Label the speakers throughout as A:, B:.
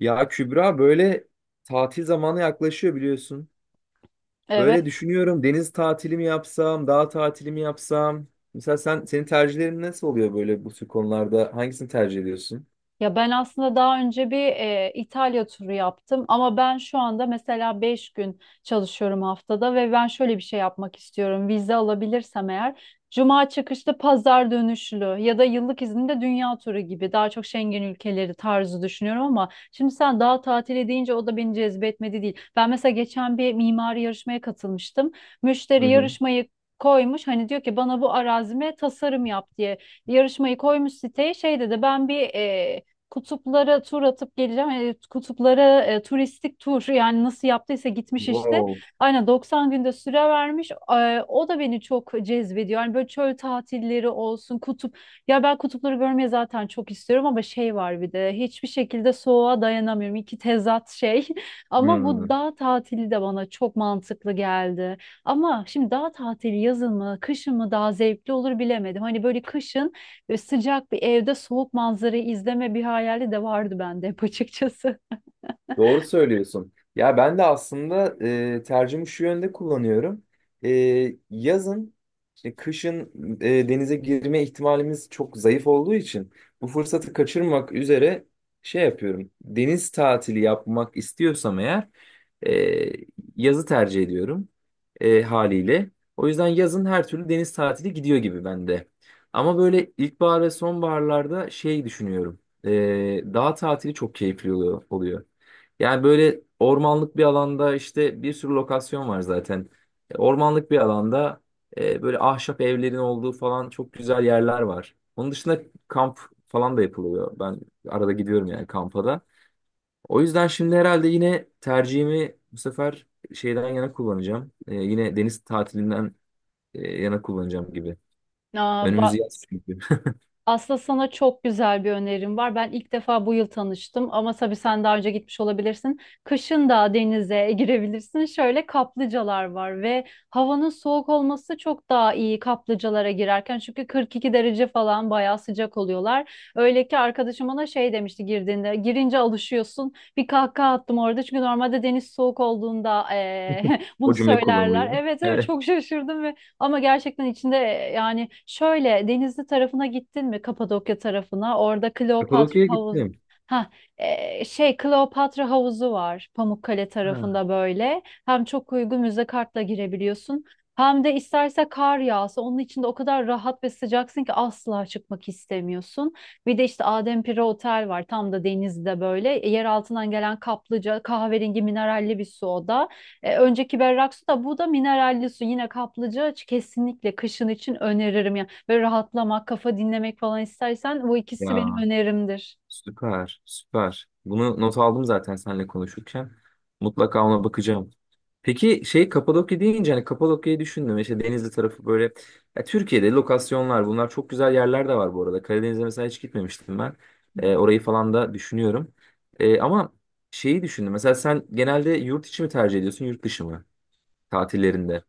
A: Ya Kübra böyle tatil zamanı yaklaşıyor biliyorsun. Böyle
B: Evet.
A: düşünüyorum, deniz tatili mi yapsam, dağ tatili mi yapsam? Mesela sen, senin tercihlerin nasıl oluyor böyle bu tür konularda? Hangisini tercih ediyorsun?
B: Ya ben aslında daha önce bir İtalya turu yaptım ama ben şu anda mesela 5 gün çalışıyorum haftada ve ben şöyle bir şey yapmak istiyorum. Vize alabilirsem eğer cuma çıkışlı, pazar dönüşlü ya da yıllık izinde dünya turu gibi daha çok Schengen ülkeleri tarzı düşünüyorum ama şimdi sen daha tatili deyince o da beni cezbetmedi değil. Ben mesela geçen bir mimari yarışmaya katılmıştım.
A: Hı
B: Müşteri
A: hı.
B: yarışmayı koymuş, hani diyor ki bana bu arazime tasarım yap diye. Yarışmayı koymuş siteye, şey dedi, ben bir kutuplara tur atıp geleceğim. Kutuplara turistik tur, yani nasıl yaptıysa gitmiş işte.
A: Wow.
B: Aynen 90 günde süre vermiş. O da beni çok cezbediyor. Yani böyle çöl tatilleri olsun, kutup. Ya ben kutupları görmeye zaten çok istiyorum ama şey var, bir de hiçbir şekilde soğuğa dayanamıyorum. İki tezat şey. Ama bu
A: Hmm.
B: dağ tatili de bana çok mantıklı geldi. Ama şimdi dağ tatili yazın mı, kışın mı daha zevkli olur bilemedim. Hani böyle kışın böyle sıcak bir evde soğuk manzarayı izleme bir hayali de vardı bende hep açıkçası.
A: Doğru söylüyorsun. Ya ben de aslında tercihimi şu yönde kullanıyorum. E, Yazın, işte kışın denize girme ihtimalimiz çok zayıf olduğu için bu fırsatı kaçırmak üzere şey yapıyorum. Deniz tatili yapmak istiyorsam eğer e, yazı tercih ediyorum, haliyle. O yüzden yazın her türlü deniz tatili gidiyor gibi bende. Ama böyle ilkbahar ve sonbaharlarda şey düşünüyorum. E, Dağ tatili çok keyifli oluyor. Yani böyle ormanlık bir alanda, işte bir sürü lokasyon var zaten. Ormanlık bir alanda böyle ahşap evlerin olduğu falan çok güzel yerler var. Onun dışında kamp falan da yapılıyor. Ben arada gidiyorum yani kampa da. O yüzden şimdi herhalde yine tercihimi bu sefer şeyden yana kullanacağım. Yine deniz tatilinden yana kullanacağım gibi.
B: Aa,
A: Önümüz
B: ba-
A: yaz çünkü.
B: Aslında sana çok güzel bir önerim var. Ben ilk defa bu yıl tanıştım ama tabii sen daha önce gitmiş olabilirsin. Kışın da denize girebilirsin. Şöyle kaplıcalar var ve havanın soğuk olması çok daha iyi kaplıcalara girerken. Çünkü 42 derece falan bayağı sıcak oluyorlar. Öyle ki arkadaşım ona şey demişti girdiğinde. Girince alışıyorsun. Bir kahkaha attım orada. Çünkü normalde deniz soğuk olduğunda bunu
A: O cümle
B: söylerler.
A: kullanılıyor.
B: Evet, evet,
A: Evet.
B: çok şaşırdım ve ama gerçekten içinde yani şöyle, Denizli tarafına gittin mi, Kapadokya tarafına? Orada Kleopatra
A: Kapadokya'ya
B: havuzu.
A: gittim.
B: Ha, şey, Kleopatra havuzu var Pamukkale
A: Ha.
B: tarafında böyle. Hem çok uygun, müze kartla girebiliyorsun. Hem de isterse kar yağsa onun içinde o kadar rahat ve sıcaksın ki asla çıkmak istemiyorsun. Bir de işte Adempire Otel var tam da denizde böyle. Yer altından gelen kaplıca, kahverengi mineralli bir su o da. Önceki berrak su, da bu da mineralli su. Yine kaplıca kesinlikle kışın için öneririm yani. Böyle rahatlamak, kafa dinlemek falan istersen bu ikisi benim
A: Ya,
B: önerimdir.
A: süper, süper. Bunu not aldım zaten seninle konuşurken. Mutlaka ona bakacağım. Peki şey, Kapadokya deyince hani Kapadokya'yı düşündüm. İşte Denizli tarafı böyle. Ya, Türkiye'de lokasyonlar, bunlar çok güzel yerler de var bu arada. Karadeniz'e mesela hiç gitmemiştim ben. Orayı falan da düşünüyorum. Ama şeyi düşündüm. Mesela sen genelde yurt içi mi tercih ediyorsun, yurt dışı mı? Tatillerinde.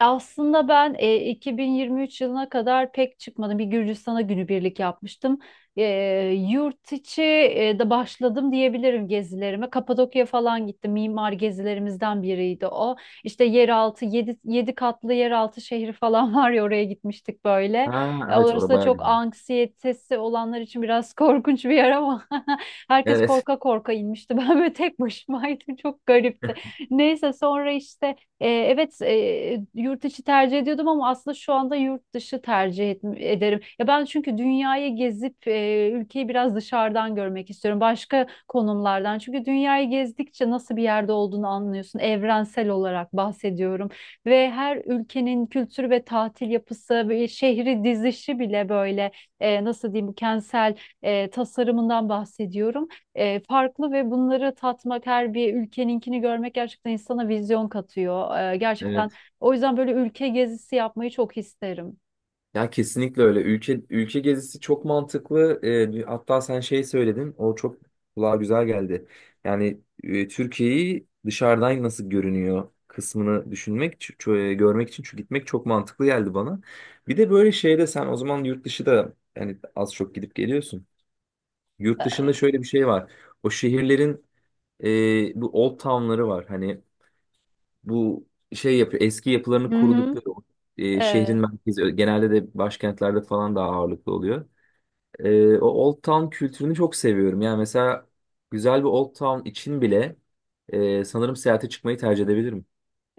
B: Aslında ben 2023 yılına kadar pek çıkmadım. Bir Gürcistan'a günübirlik yapmıştım. E, Yurt içi de başladım diyebilirim gezilerime. Kapadokya falan gittim. Mimar gezilerimizden biriydi o. İşte yeraltı, 7 katlı yeraltı şehri falan var ya, oraya gitmiştik böyle.
A: Ha evet,
B: Orası
A: orada
B: da
A: bayağı
B: çok,
A: güzel.
B: anksiyetesi olanlar için biraz korkunç bir yer ama herkes
A: Evet,
B: korka korka inmişti. Ben böyle tek başımaydım. Çok garipti. Neyse sonra işte evet, yurt içi tercih ediyordum ama aslında şu anda yurt dışı ederim. Ya ben, çünkü dünyayı gezip ülkeyi biraz dışarıdan görmek istiyorum. Başka konumlardan. Çünkü dünyayı gezdikçe nasıl bir yerde olduğunu anlıyorsun. Evrensel olarak bahsediyorum. Ve her ülkenin kültürü ve tatil yapısı ve şehri dizişi bile böyle nasıl diyeyim, kentsel tasarımından bahsediyorum, farklı. Ve bunları tatmak, her bir ülkeninkini görmek gerçekten insana vizyon katıyor. Gerçekten
A: evet.
B: o yüzden böyle ülke gezisi yapmayı çok isterim.
A: Ya kesinlikle öyle. Ülke ülke gezisi çok mantıklı. Hatta sen şey söyledin, o çok kulağa güzel geldi. Yani Türkiye'yi dışarıdan nasıl görünüyor kısmını düşünmek, görmek için çünkü gitmek çok mantıklı geldi bana. Bir de böyle şeyde, sen o zaman yurt dışı da yani az çok gidip geliyorsun. Yurt
B: E,
A: dışında şöyle bir şey var. O şehirlerin bu old town'ları var. Hani bu şey yapıyor, eski yapılarını
B: Hı hı.
A: korudukları o, şehrin
B: Evet,
A: merkezi, genelde de başkentlerde falan daha ağırlıklı oluyor. O Old Town kültürünü çok seviyorum. Yani mesela güzel bir Old Town için bile sanırım seyahate çıkmayı tercih edebilirim.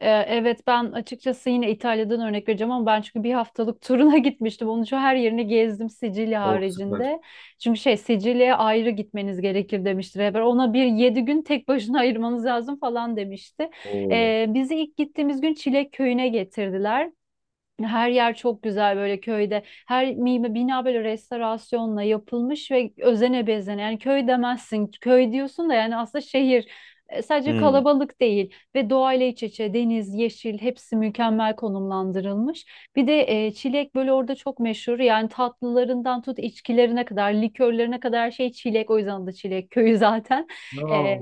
B: evet, ben açıkçası yine İtalya'dan örnek vereceğim ama ben çünkü bir haftalık turuna gitmiştim. Onun için her yerini gezdim, Sicilya
A: O süper.
B: haricinde. Çünkü şey, Sicilya'ya ayrı gitmeniz gerekir demişti rehber. Ona bir 7 gün tek başına ayırmanız lazım falan demişti.
A: Oo.
B: Bizi ilk gittiğimiz gün Çilek Köyü'ne getirdiler. Her yer çok güzel böyle köyde. Her mime bina böyle restorasyonla yapılmış ve özene bezene. Yani köy demezsin. Köy diyorsun da yani aslında şehir. Sadece
A: Hmm.
B: kalabalık değil ve doğayla iç içe, deniz, yeşil, hepsi mükemmel konumlandırılmış. Bir de çilek böyle orada çok meşhur. Yani tatlılarından tut, içkilerine kadar, likörlerine kadar her şey çilek. O yüzden adı Çilek Köyü zaten. E,
A: Aa,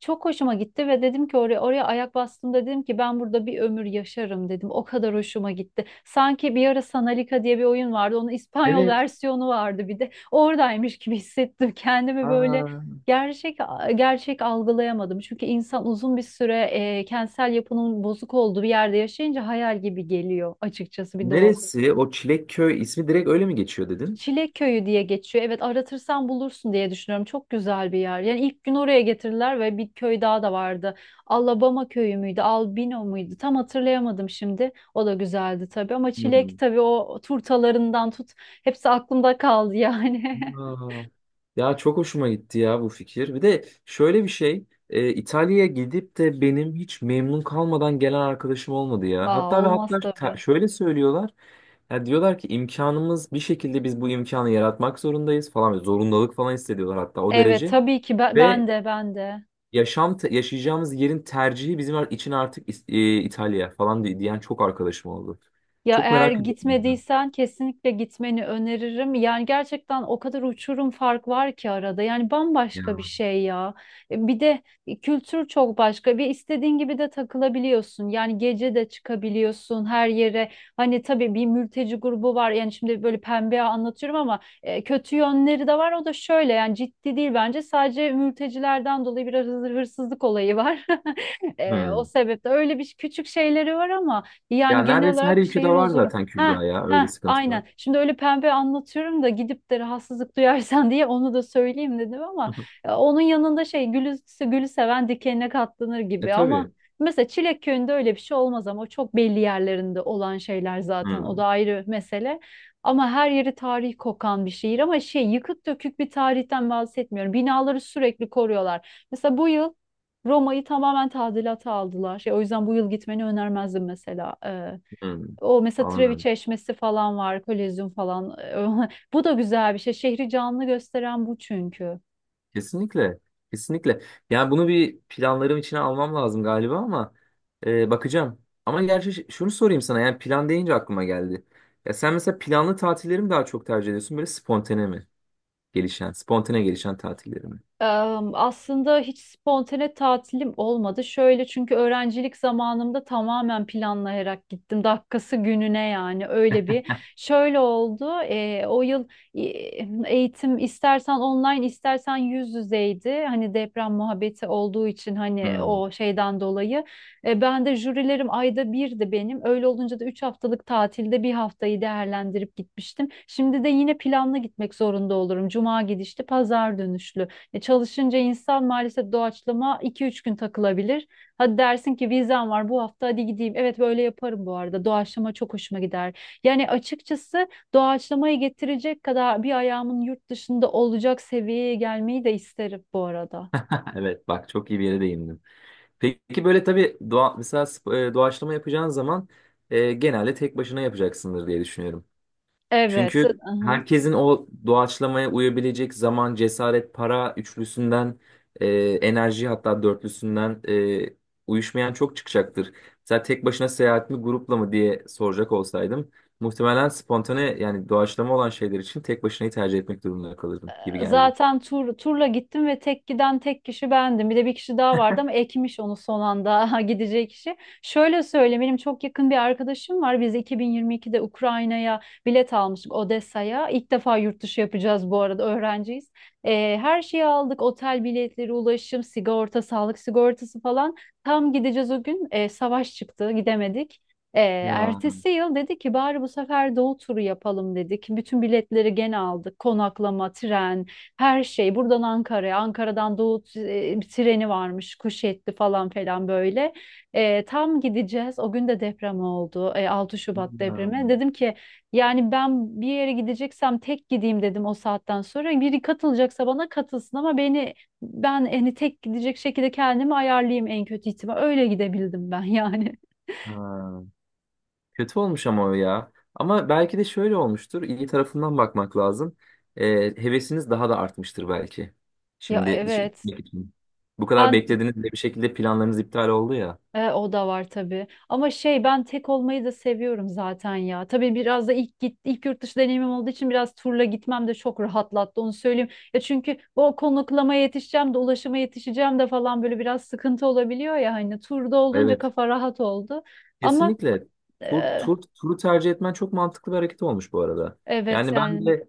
B: Çok hoşuma gitti ve dedim ki oraya ayak bastığımda dedim ki ben burada bir ömür yaşarım dedim. O kadar hoşuma gitti. Sanki bir ara Sanalika diye bir oyun vardı. Onun İspanyol
A: evet.
B: versiyonu vardı bir de. Oradaymış gibi hissettim kendimi böyle,
A: Aa.
B: gerçek gerçek algılayamadım. Çünkü insan uzun bir süre kentsel yapının bozuk olduğu bir yerde yaşayınca hayal gibi geliyor açıkçası, bir de o.
A: Neresi? O Çilekköy ismi direkt öyle mi geçiyor dedin?
B: Çilek Köyü diye geçiyor. Evet aratırsan bulursun diye düşünüyorum. Çok güzel bir yer. Yani ilk gün oraya getirdiler ve bir köy daha da vardı. Alabama köyü müydü, Albino muydu? Tam hatırlayamadım şimdi. O da güzeldi tabii ama çilek,
A: Hmm.
B: tabii o turtalarından tut. Hepsi aklımda kaldı yani.
A: Aa, ya çok hoşuma gitti ya bu fikir. Bir de şöyle bir şey, İtalya'ya gidip de benim hiç memnun kalmadan gelen arkadaşım olmadı ya.
B: Aa,
A: Hatta ve
B: olmaz
A: hatta
B: tabii.
A: şöyle söylüyorlar. Ya diyorlar ki, imkanımız bir şekilde, biz bu imkanı yaratmak zorundayız falan. Zorundalık falan hissediyorlar hatta, o
B: Evet
A: derece.
B: tabii ki,
A: Ve
B: ben de, ben de.
A: yaşam yaşayacağımız yerin tercihi bizim için artık İtalya falan diyen çok arkadaşım oldu.
B: Ya
A: Çok
B: eğer
A: merak ediyorum bundan.
B: gitmediysen kesinlikle gitmeni öneririm. Yani gerçekten o kadar uçurum fark var ki arada. Yani bambaşka bir
A: Ya.
B: şey ya. Bir de kültür çok başka. Bir istediğin gibi de takılabiliyorsun. Yani gece de çıkabiliyorsun her yere. Hani tabii bir mülteci grubu var. Yani şimdi böyle pembe anlatıyorum ama kötü yönleri de var. O da şöyle, yani ciddi değil bence. Sadece mültecilerden dolayı biraz hırsızlık olayı var. O
A: Hmm.
B: sebeple öyle bir küçük şeyleri var ama
A: Ya
B: yani genel
A: neredeyse her
B: olarak
A: ülkede
B: şehir
A: var
B: huzurlu.
A: zaten
B: Ha
A: Kübra ya, öyle
B: ha,
A: sıkıntılar.
B: aynen. Şimdi öyle pembe anlatıyorum da gidip de rahatsızlık duyarsan diye onu da söyleyeyim dedim ama onun yanında şey, gülü seven dikenine katlanır
A: E
B: gibi. Ama
A: tabii.
B: mesela Çilek Köyü'nde öyle bir şey olmaz ama o çok belli yerlerinde olan şeyler zaten. O
A: Hmm,
B: da ayrı mesele. Ama her yeri tarihi kokan bir şehir ama şey, yıkık dökük bir tarihten bahsetmiyorum. Binaları sürekli koruyorlar. Mesela bu yıl Roma'yı tamamen tadilata aldılar. Şey, o yüzden bu yıl gitmeni önermezdim mesela.
A: hmm.
B: O mesela, Trevi
A: Anladım.
B: Çeşmesi falan var, Kolezyum falan. Bu da güzel bir şey. Şehri canlı gösteren bu çünkü.
A: Kesinlikle. Kesinlikle. Yani bunu bir planlarım içine almam lazım galiba ama bakacağım. Ama gerçi şunu sorayım sana, yani plan deyince aklıma geldi. Ya sen mesela planlı tatilleri mi daha çok tercih ediyorsun, böyle spontane mi? Gelişen, spontane gelişen tatilleri mi?
B: Aslında hiç spontane tatilim olmadı. Şöyle çünkü öğrencilik zamanımda tamamen planlayarak gittim. Dakikası gününe, yani öyle bir. Şöyle oldu. O yıl e, eğitim istersen online, istersen yüz yüzeydi. Hani deprem muhabbeti olduğu için, hani
A: Hmm.
B: o şeyden dolayı. Ben de jürilerim ayda birdi benim. Öyle olunca da 3 haftalık tatilde bir haftayı değerlendirip gitmiştim. Şimdi de yine planlı gitmek zorunda olurum. Cuma gidişli, pazar dönüşlü. Çalışınca insan maalesef doğaçlama 2-3 gün takılabilir. Hadi dersin ki, vizem var bu hafta hadi gideyim. Evet, böyle yaparım bu arada. Doğaçlama çok hoşuma gider. Yani açıkçası doğaçlamayı getirecek kadar bir ayağımın yurt dışında olacak seviyeye gelmeyi de isterim bu arada.
A: Evet bak, çok iyi bir yere değindim. Peki böyle tabii doğaçlama yapacağın zaman genelde tek başına yapacaksındır diye düşünüyorum.
B: Evet.
A: Çünkü herkesin o doğaçlamaya uyabilecek zaman, cesaret, para üçlüsünden, e, enerji hatta dörtlüsünden uyuşmayan çok çıkacaktır. Mesela tek başına seyahat mi, grupla mı diye soracak olsaydım, muhtemelen spontane yani doğaçlama olan şeyler için tek başınayı tercih etmek durumunda kalırdım gibi geldi.
B: Zaten turla gittim ve tek giden tek kişi bendim. Bir de bir kişi daha vardı ama ekmiş onu son anda gideceği kişi. Şöyle söyleyeyim, benim çok yakın bir arkadaşım var. Biz 2022'de Ukrayna'ya bilet almıştık Odessa'ya. İlk defa yurt dışı yapacağız bu arada, öğrenciyiz. Her şeyi aldık. Otel biletleri, ulaşım, sigorta, sağlık sigortası falan. Tam gideceğiz o gün. Savaş çıktı, gidemedik. Ee,
A: Ya.
B: Ertesi yıl dedi ki bari bu sefer doğu turu yapalım dedik. Bütün biletleri gene aldık. Konaklama, tren, her şey. Buradan Ankara'ya, Ankara'dan doğu treni varmış. Kuşetli falan falan böyle. Tam gideceğiz. O gün de deprem oldu. 6 Şubat
A: Ha.
B: depremi. Dedim ki yani ben bir yere gideceksem tek gideyim dedim o saatten sonra. Biri katılacaksa bana katılsın ama ben hani tek gidecek şekilde kendimi ayarlayayım, en kötü ihtimal. Öyle gidebildim ben yani.
A: Ha. Kötü olmuş ama o ya. Ama belki de şöyle olmuştur, İyi tarafından bakmak lazım. Ee, Hevesiniz daha da artmıştır belki.
B: Ya
A: Şimdi dışarı
B: evet.
A: gitmek için. Bu kadar
B: Ben
A: beklediniz ve bir şekilde planlarınız iptal oldu ya.
B: o da var tabii. Ama şey, ben tek olmayı da seviyorum zaten ya. Tabii biraz da ilk yurt dışı deneyimim olduğu için biraz turla gitmem de çok rahatlattı, onu söyleyeyim. Ya çünkü o, konaklamaya yetişeceğim de, ulaşıma yetişeceğim de falan böyle biraz sıkıntı olabiliyor ya, hani turda olunca
A: Evet.
B: kafa rahat oldu. Ama
A: Kesinlikle. Tur,
B: e,
A: tur, turu tercih etmen çok mantıklı bir hareket olmuş bu arada.
B: evet
A: Yani ben
B: yani.
A: de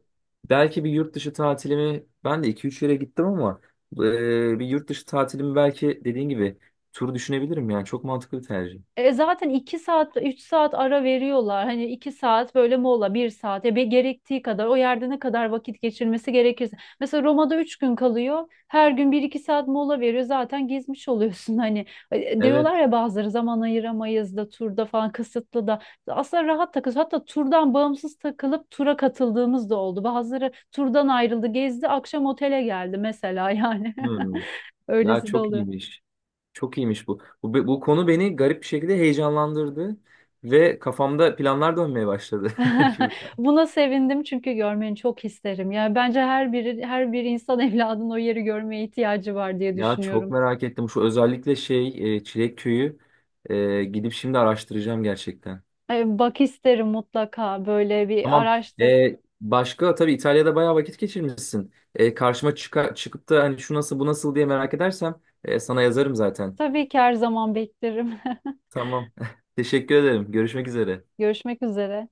A: belki bir yurt dışı tatilimi, ben de iki üç yere gittim ama bir yurt dışı tatilimi belki dediğin gibi tur düşünebilirim, yani çok mantıklı bir tercih.
B: E zaten 2 saat 3 saat ara veriyorlar. Hani 2 saat böyle mola, bir saat ya, bir gerektiği kadar, o yerde ne kadar vakit geçirmesi gerekirse. Mesela Roma'da 3 gün kalıyor. Her gün bir iki saat mola veriyor. Zaten gezmiş oluyorsun hani.
A: Evet.
B: Diyorlar ya bazıları, zaman ayıramayız da turda falan kısıtlı da. Aslında rahat takılıyoruz. Hatta turdan bağımsız takılıp tura katıldığımız da oldu. Bazıları turdan ayrıldı, gezdi, akşam otele geldi mesela yani.
A: Hmm. Ya
B: Öylesi de
A: çok
B: oluyor.
A: iyiymiş. Çok iyiymiş bu. Bu konu beni garip bir şekilde heyecanlandırdı ve kafamda planlar dönmeye başladı. Şimdi-
B: Buna sevindim çünkü görmeni çok isterim. Yani bence her bir insan evladının o yeri görmeye ihtiyacı var diye
A: Ya çok
B: düşünüyorum.
A: merak ettim. Şu özellikle şey, Çilek Köyü, gidip şimdi araştıracağım gerçekten.
B: Bak, isterim mutlaka, böyle bir
A: Tamam.
B: araştır.
A: Başka, tabii İtalya'da bayağı vakit geçirmişsin. E, karşıma çıkıp da hani şu nasıl bu nasıl diye merak edersem sana yazarım zaten.
B: Tabii ki her zaman beklerim.
A: Tamam. Teşekkür ederim. Görüşmek üzere.
B: Görüşmek üzere.